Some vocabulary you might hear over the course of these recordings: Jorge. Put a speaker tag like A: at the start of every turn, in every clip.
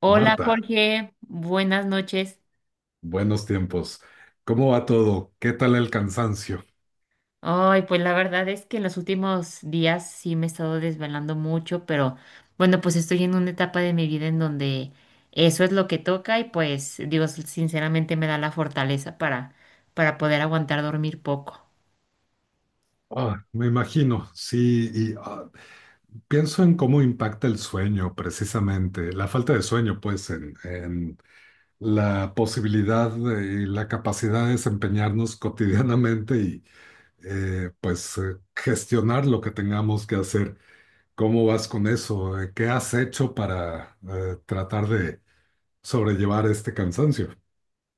A: Hola
B: Marta,
A: Jorge, buenas noches.
B: buenos tiempos. ¿Cómo va todo? ¿Qué tal el cansancio?
A: Ay, pues la verdad es que en los últimos días sí me he estado desvelando mucho, pero bueno, pues estoy en una etapa de mi vida en donde eso es lo que toca y pues Dios sinceramente me da la fortaleza para poder aguantar dormir poco.
B: Me imagino, sí, y pienso en cómo impacta el sueño, precisamente, la falta de sueño, pues, en la posibilidad de- y la capacidad de desempeñarnos cotidianamente y, gestionar lo que tengamos que hacer. ¿Cómo vas con eso? ¿Qué has hecho para tratar de sobrellevar este cansancio?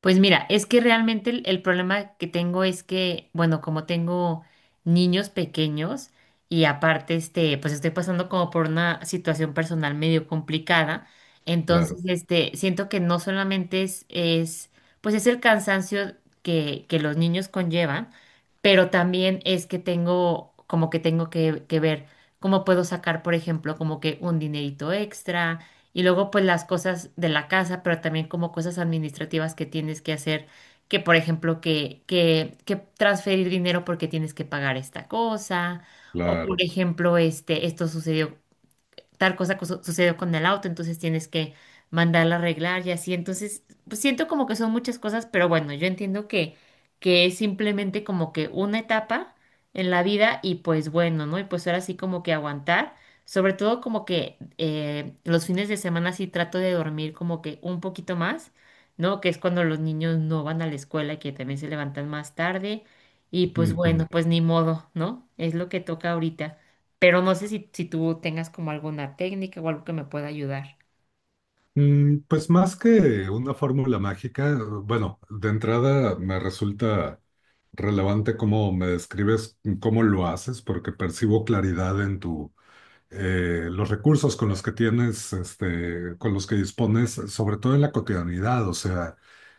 A: Pues mira, es que realmente el problema que tengo es que, bueno, como tengo niños pequeños y aparte, pues estoy pasando como por una situación personal medio complicada, entonces,
B: Claro,
A: siento que no solamente es, pues es el cansancio que los niños conllevan, pero también es que tengo, como que tengo que ver cómo puedo sacar, por ejemplo, como que un dinerito extra y luego pues las cosas de la casa, pero también como cosas administrativas que tienes que hacer, que por ejemplo que transferir dinero porque tienes que pagar esta cosa, o por
B: claro.
A: ejemplo, esto sucedió tal cosa sucedió con el auto, entonces tienes que mandarla a arreglar y así. Entonces, pues siento como que son muchas cosas, pero bueno, yo entiendo que es simplemente como que una etapa en la vida y pues bueno, ¿no? Y pues ahora sí como que aguantar. Sobre todo como que los fines de semana sí trato de dormir como que un poquito más, ¿no? Que es cuando los niños no van a la escuela y que también se levantan más tarde. Y pues bueno,
B: Ujú.
A: pues ni modo, ¿no? Es lo que toca ahorita, pero no sé si tú tengas como alguna técnica o algo que me pueda ayudar.
B: Pues más que una fórmula mágica, bueno, de entrada me resulta relevante cómo me describes cómo lo haces, porque percibo claridad en tu los recursos con los que tienes, este, con los que dispones, sobre todo en la cotidianidad, o sea,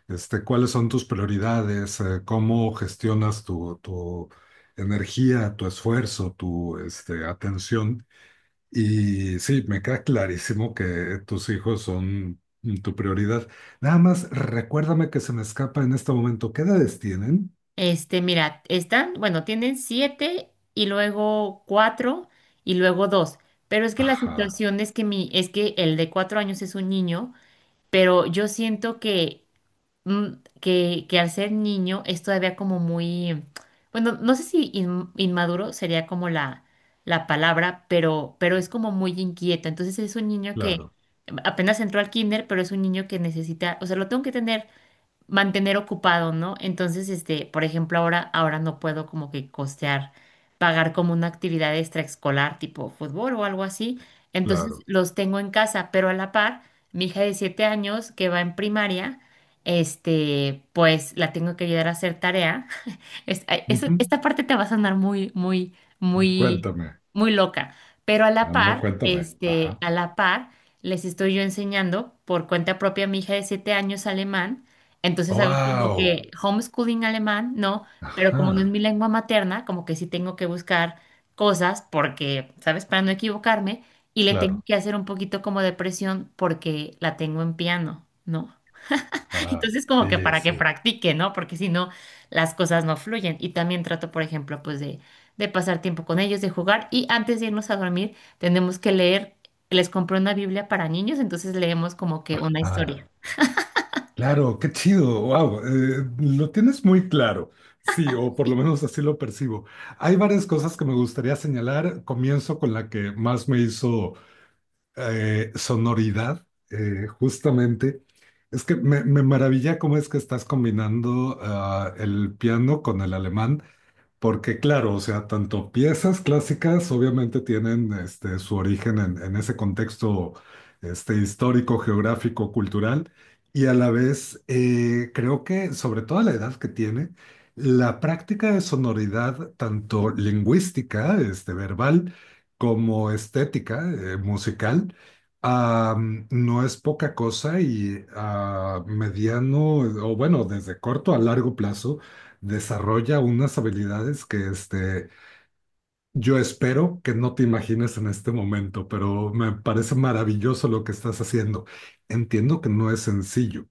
B: este, cuáles son tus prioridades, cómo gestionas tu energía, tu esfuerzo, tu este, atención. Y sí, me queda clarísimo que tus hijos son tu prioridad. Nada más recuérdame que se me escapa en este momento. ¿Qué edades tienen?
A: Mira, están, bueno, tienen 7 y luego 4 y luego 2. Pero es que la
B: Ajá,
A: situación es que el de 4 años es un niño, pero yo siento que mm, que al ser niño es todavía como muy, bueno, no sé si inmaduro sería como la palabra, pero es como muy inquieto. Entonces es un niño que
B: claro,
A: apenas entró al kinder, pero es un niño que necesita, o sea, lo tengo que tener mantener ocupado, ¿no? Entonces, por ejemplo, ahora no puedo como que costear, pagar como una actividad extraescolar tipo fútbol o algo así. Entonces,
B: claro.
A: los tengo en casa, pero a la par, mi hija de 7 años que va en primaria, pues la tengo que ayudar a hacer tarea. Ay,
B: Ujú.
A: esta parte te va a sonar muy, muy, muy,
B: Cuéntame.
A: muy loca, pero a la
B: No, no,
A: par,
B: cuéntame. Ajá.
A: les estoy yo enseñando por cuenta propia a mi hija de 7 años alemán, entonces hago como
B: Wow.
A: que homeschooling alemán, ¿no? Pero como no es
B: Ajá,
A: mi lengua materna, como que sí tengo que buscar cosas porque, ¿sabes? Para no equivocarme, y le tengo
B: claro.
A: que hacer un poquito como de presión porque la tengo en piano, ¿no?
B: Ah,
A: Entonces, como que
B: sí,
A: para que
B: sí.
A: practique, ¿no? Porque si no, las cosas no fluyen. Y también trato, por ejemplo, pues de pasar tiempo con ellos, de jugar. Y antes de irnos a dormir, tenemos que leer. Les compré una Biblia para niños, entonces leemos como que una
B: Ah,
A: historia.
B: claro, qué chido. Wow, lo tienes muy claro. Sí, o por lo
A: Sí,
B: menos así lo percibo. Hay varias cosas que me gustaría señalar. Comienzo con la que más me hizo sonoridad, justamente. Es que me maravilla cómo es que estás combinando el piano con el alemán. Porque claro, o sea, tanto piezas clásicas obviamente tienen este, su origen en ese contexto este, histórico, geográfico, cultural, y a la vez creo que sobre todo a la edad que tiene, la práctica de sonoridad, tanto lingüística, este, verbal, como estética, musical, ah, no es poca cosa y a mediano, o bueno, desde corto a largo plazo desarrolla unas habilidades que este, yo espero que no te imagines en este momento, pero me parece maravilloso lo que estás haciendo. Entiendo que no es sencillo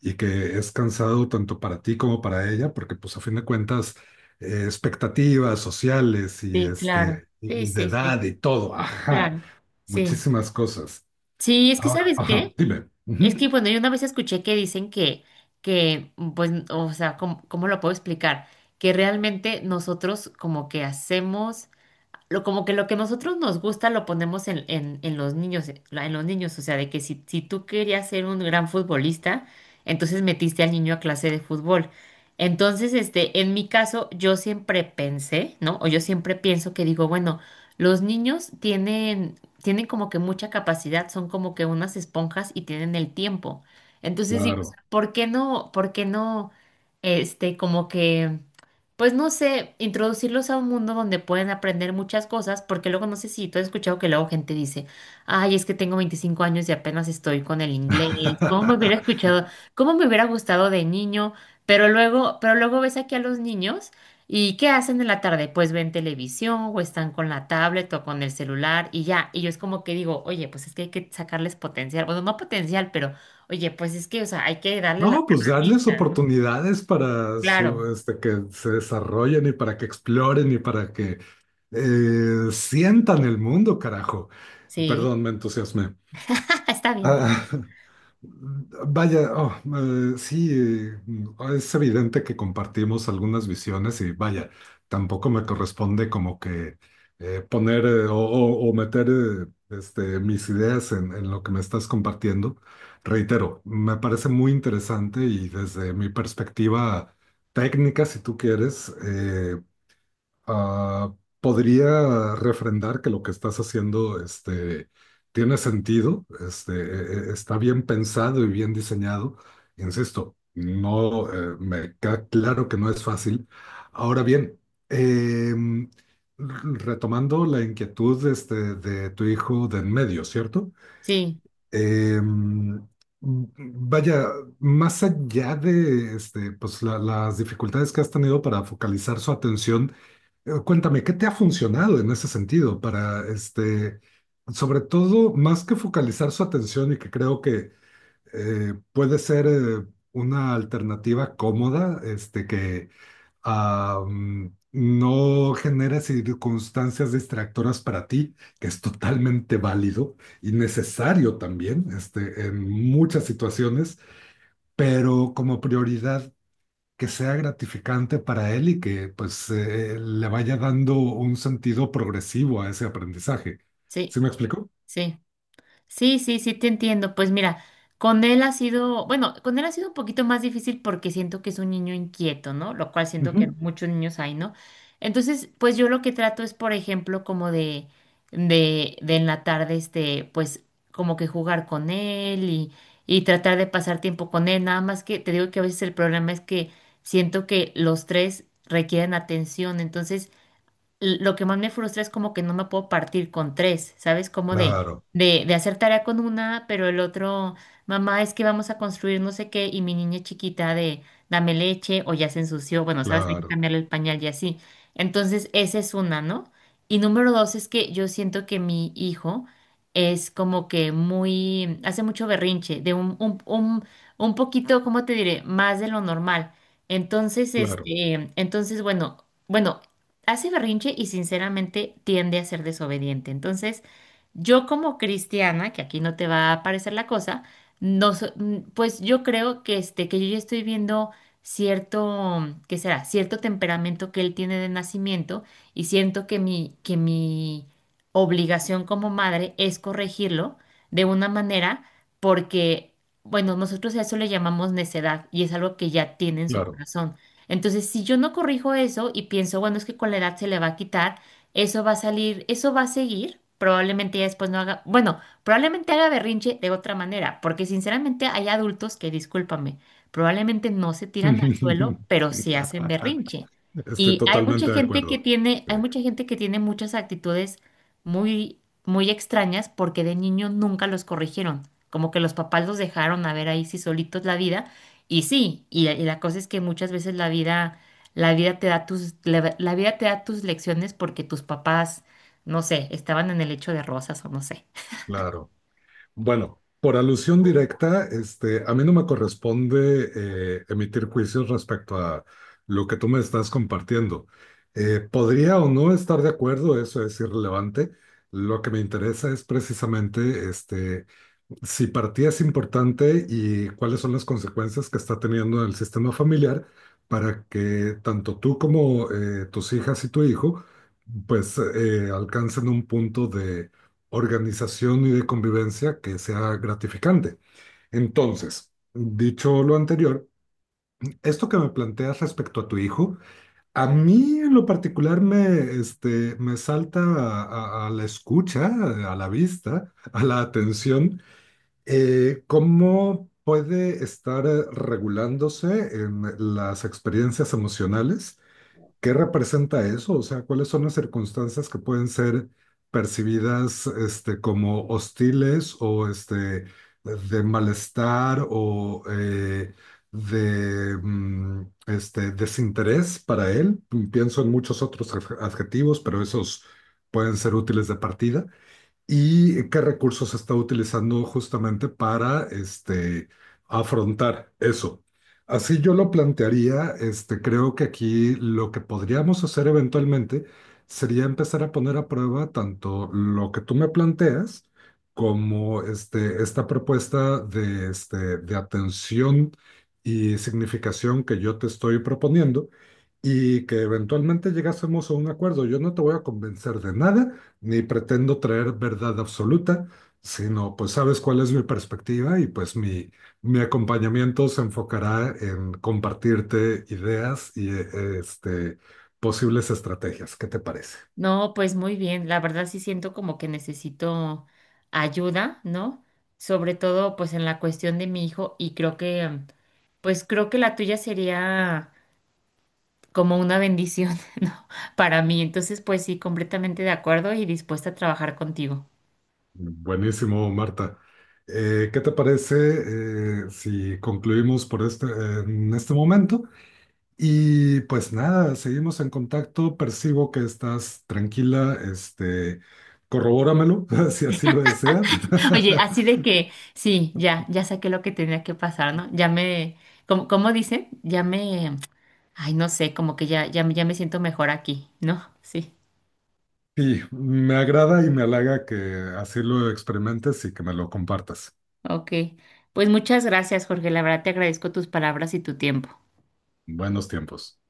B: y que es cansado tanto para ti como para ella, porque pues a fin de cuentas, expectativas sociales y,
A: sí, claro.
B: este,
A: Sí,
B: y de
A: sí, sí,
B: edad y
A: sí,
B: todo, ajá,
A: claro. Sí.
B: muchísimas cosas.
A: Sí, es que
B: Ahora,
A: ¿sabes
B: ajá,
A: qué?
B: dime.
A: Es
B: Ujú,
A: que, bueno, yo una vez escuché que dicen que, pues, o sea, ¿cómo lo puedo explicar? Que realmente nosotros como que hacemos como que lo que nosotros nos gusta lo ponemos en los niños, en los niños, o sea, de que si tú querías ser un gran futbolista, entonces metiste al niño a clase de fútbol. Entonces, en mi caso, yo siempre pensé, ¿no? O yo siempre pienso que digo, bueno, los niños tienen como que mucha capacidad, son como que unas esponjas y tienen el tiempo. Entonces digo, o sea,
B: Claro.
A: ¿por qué no, como que pues no sé, introducirlos a un mundo donde pueden aprender muchas cosas, porque luego no sé si tú has escuchado que luego gente dice, ay, es que tengo 25 años y apenas estoy con el inglés, ¿cómo me hubiera escuchado, cómo me hubiera gustado de niño? Pero luego ves aquí a los niños y ¿qué hacen en la tarde? Pues ven televisión o están con la tablet o con el celular y ya, y yo es como que digo, oye, pues es que hay que sacarles potencial, bueno, no potencial, pero oye, pues es que, o sea, hay que darle las
B: No, pues darles
A: herramientas, ¿no?
B: oportunidades para su,
A: Claro,
B: este, que se desarrollen y para que exploren y para que sientan el mundo, carajo.
A: sí,
B: Perdón, me entusiasmé.
A: está bien.
B: Ah, Vaya, oh, eh, sí, eh, es evidente que compartimos algunas visiones y vaya, tampoco me corresponde como que poner o meter este, mis ideas en lo que me estás compartiendo. Reitero, me parece muy interesante y desde mi perspectiva técnica, si tú quieres, Ah, podría refrendar que lo que estás haciendo, este, tiene sentido, este, e- e- está bien pensado y bien diseñado. Insisto, no, me queda claro que no es fácil. Ahora bien, em, r- retomando la inquietud, este, de tu hijo de en medio, ¿cierto?
A: Sí,
B: Em, Vaya, más allá de este, pues, la- las dificultades que has tenido para focalizar su atención, Cuéntame, ¿qué te ha funcionado en ese sentido para, este, sobre todo, más que focalizar su atención y que creo que puede ser una alternativa cómoda, este, que no genere circunstancias distractoras para ti, que es totalmente válido y necesario también, este, en muchas situaciones, pero como prioridad que sea gratificante para él y que pues le vaya dando un sentido progresivo a ese aprendizaje.
A: sí,
B: ¿Sí me explico?
A: sí. Sí, sí, sí, te entiendo. Pues mira, con él ha sido, bueno, con él ha sido un poquito más difícil porque siento que es un niño inquieto, ¿no? Lo cual siento que
B: Ujú.
A: muchos niños hay, ¿no? Entonces, pues yo lo que trato es, por ejemplo, como de en la tarde, pues como que jugar con él y tratar de pasar tiempo con él. Nada más que te digo que a veces el problema es que siento que los tres requieren atención. Entonces, lo que más me frustra es como que no me puedo partir con tres, ¿sabes? Como de,
B: Claro,
A: de, de hacer tarea con una, pero el otro, mamá, es que vamos a construir no sé qué, y mi niña chiquita de, dame leche, o ya se ensució, bueno, ¿sabes? Hay que
B: claro,
A: cambiarle el pañal y así. Entonces, esa es una, ¿no? Y número dos es que yo siento que mi hijo es como que muy, hace mucho berrinche, de un poquito, ¿cómo te diré? Más de lo normal. Entonces,
B: claro,
A: entonces, bueno, bueno, hace berrinche y sinceramente tiende a ser desobediente. Entonces, yo como cristiana, que aquí no te va a parecer la cosa, no, pues yo creo que yo ya estoy viendo cierto, ¿qué será? Cierto temperamento que él tiene de nacimiento y siento que que mi obligación como madre es corregirlo de una manera, porque, bueno, nosotros a eso le llamamos necedad y es algo que ya tiene en su
B: claro.
A: corazón. Entonces, si yo no corrijo eso y pienso, bueno, es que con la edad se le va a quitar, eso va a salir, eso va a seguir. Probablemente ya después no haga, bueno, probablemente haga berrinche de otra manera, porque sinceramente hay adultos que, discúlpame, probablemente no se tiran al suelo, pero sí hacen berrinche.
B: Estoy
A: Y hay mucha
B: totalmente de
A: gente que
B: acuerdo.
A: tiene,
B: Sí,
A: hay mucha gente que tiene muchas actitudes muy, muy extrañas porque de niño nunca los corrigieron, como que los papás los dejaron a ver ahí sí solitos la vida, y sí, y la cosa es que muchas veces la vida te da tus, la vida te da tus lecciones porque tus papás, no sé, estaban en el lecho de rosas o no sé.
B: claro. Bueno, por alusión directa, este, a mí no me corresponde emitir juicios respecto a lo que tú me estás compartiendo. Podría o no estar de acuerdo, eso es irrelevante. Lo que me interesa es precisamente este, si para ti es importante y cuáles son las consecuencias que está teniendo en el sistema familiar para que tanto tú como tus hijas y tu hijo pues alcancen un punto de organización y de convivencia que sea gratificante. Entonces, dicho lo anterior, esto que me planteas respecto a tu hijo, a mí en lo particular este, me salta a a la escucha, a la vista, a la atención ¿cómo puede estar regulándose en las experiencias emocionales? ¿Qué representa eso? O sea, ¿cuáles son las circunstancias que pueden ser percibidas este, como hostiles o este, de malestar o de este, desinterés para él? Pienso en muchos otros adjetivos, pero esos pueden ser útiles de partida y qué recursos se está utilizando justamente para este, afrontar eso. Así yo lo plantearía, este, creo que aquí lo que podríamos hacer eventualmente sería empezar a poner a prueba tanto lo que tú me planteas como este, esta propuesta de, este, de atención y significación que yo te estoy proponiendo y que eventualmente llegásemos a un acuerdo. Yo no te voy a convencer de nada, ni pretendo traer verdad absoluta, sino pues sabes cuál es mi perspectiva y pues mi acompañamiento se enfocará en compartirte ideas y este, posibles estrategias. ¿Qué te parece?
A: No, pues muy bien, la verdad sí siento como que necesito ayuda, ¿no? Sobre todo pues en la cuestión de mi hijo y creo que, pues creo que la tuya sería como una bendición, ¿no? Para mí, entonces pues sí, completamente de acuerdo y dispuesta a trabajar contigo.
B: Buenísimo, Marta. ¿Qué te parece si concluimos por este, en este momento? Y pues nada, seguimos en contacto. Percibo que estás tranquila. Este, corrobóramelo si así lo deseas.
A: Oye, así de que, sí, ya saqué lo que tenía que pasar, ¿no? Ya me, como dicen, ya me, ay, no sé, como que ya me siento mejor aquí, ¿no? Sí,
B: Sí, me agrada y me halaga que así lo experimentes y que me lo compartas.
A: ok. Pues muchas gracias, Jorge. La verdad te agradezco tus palabras y tu tiempo.
B: Buenos tiempos.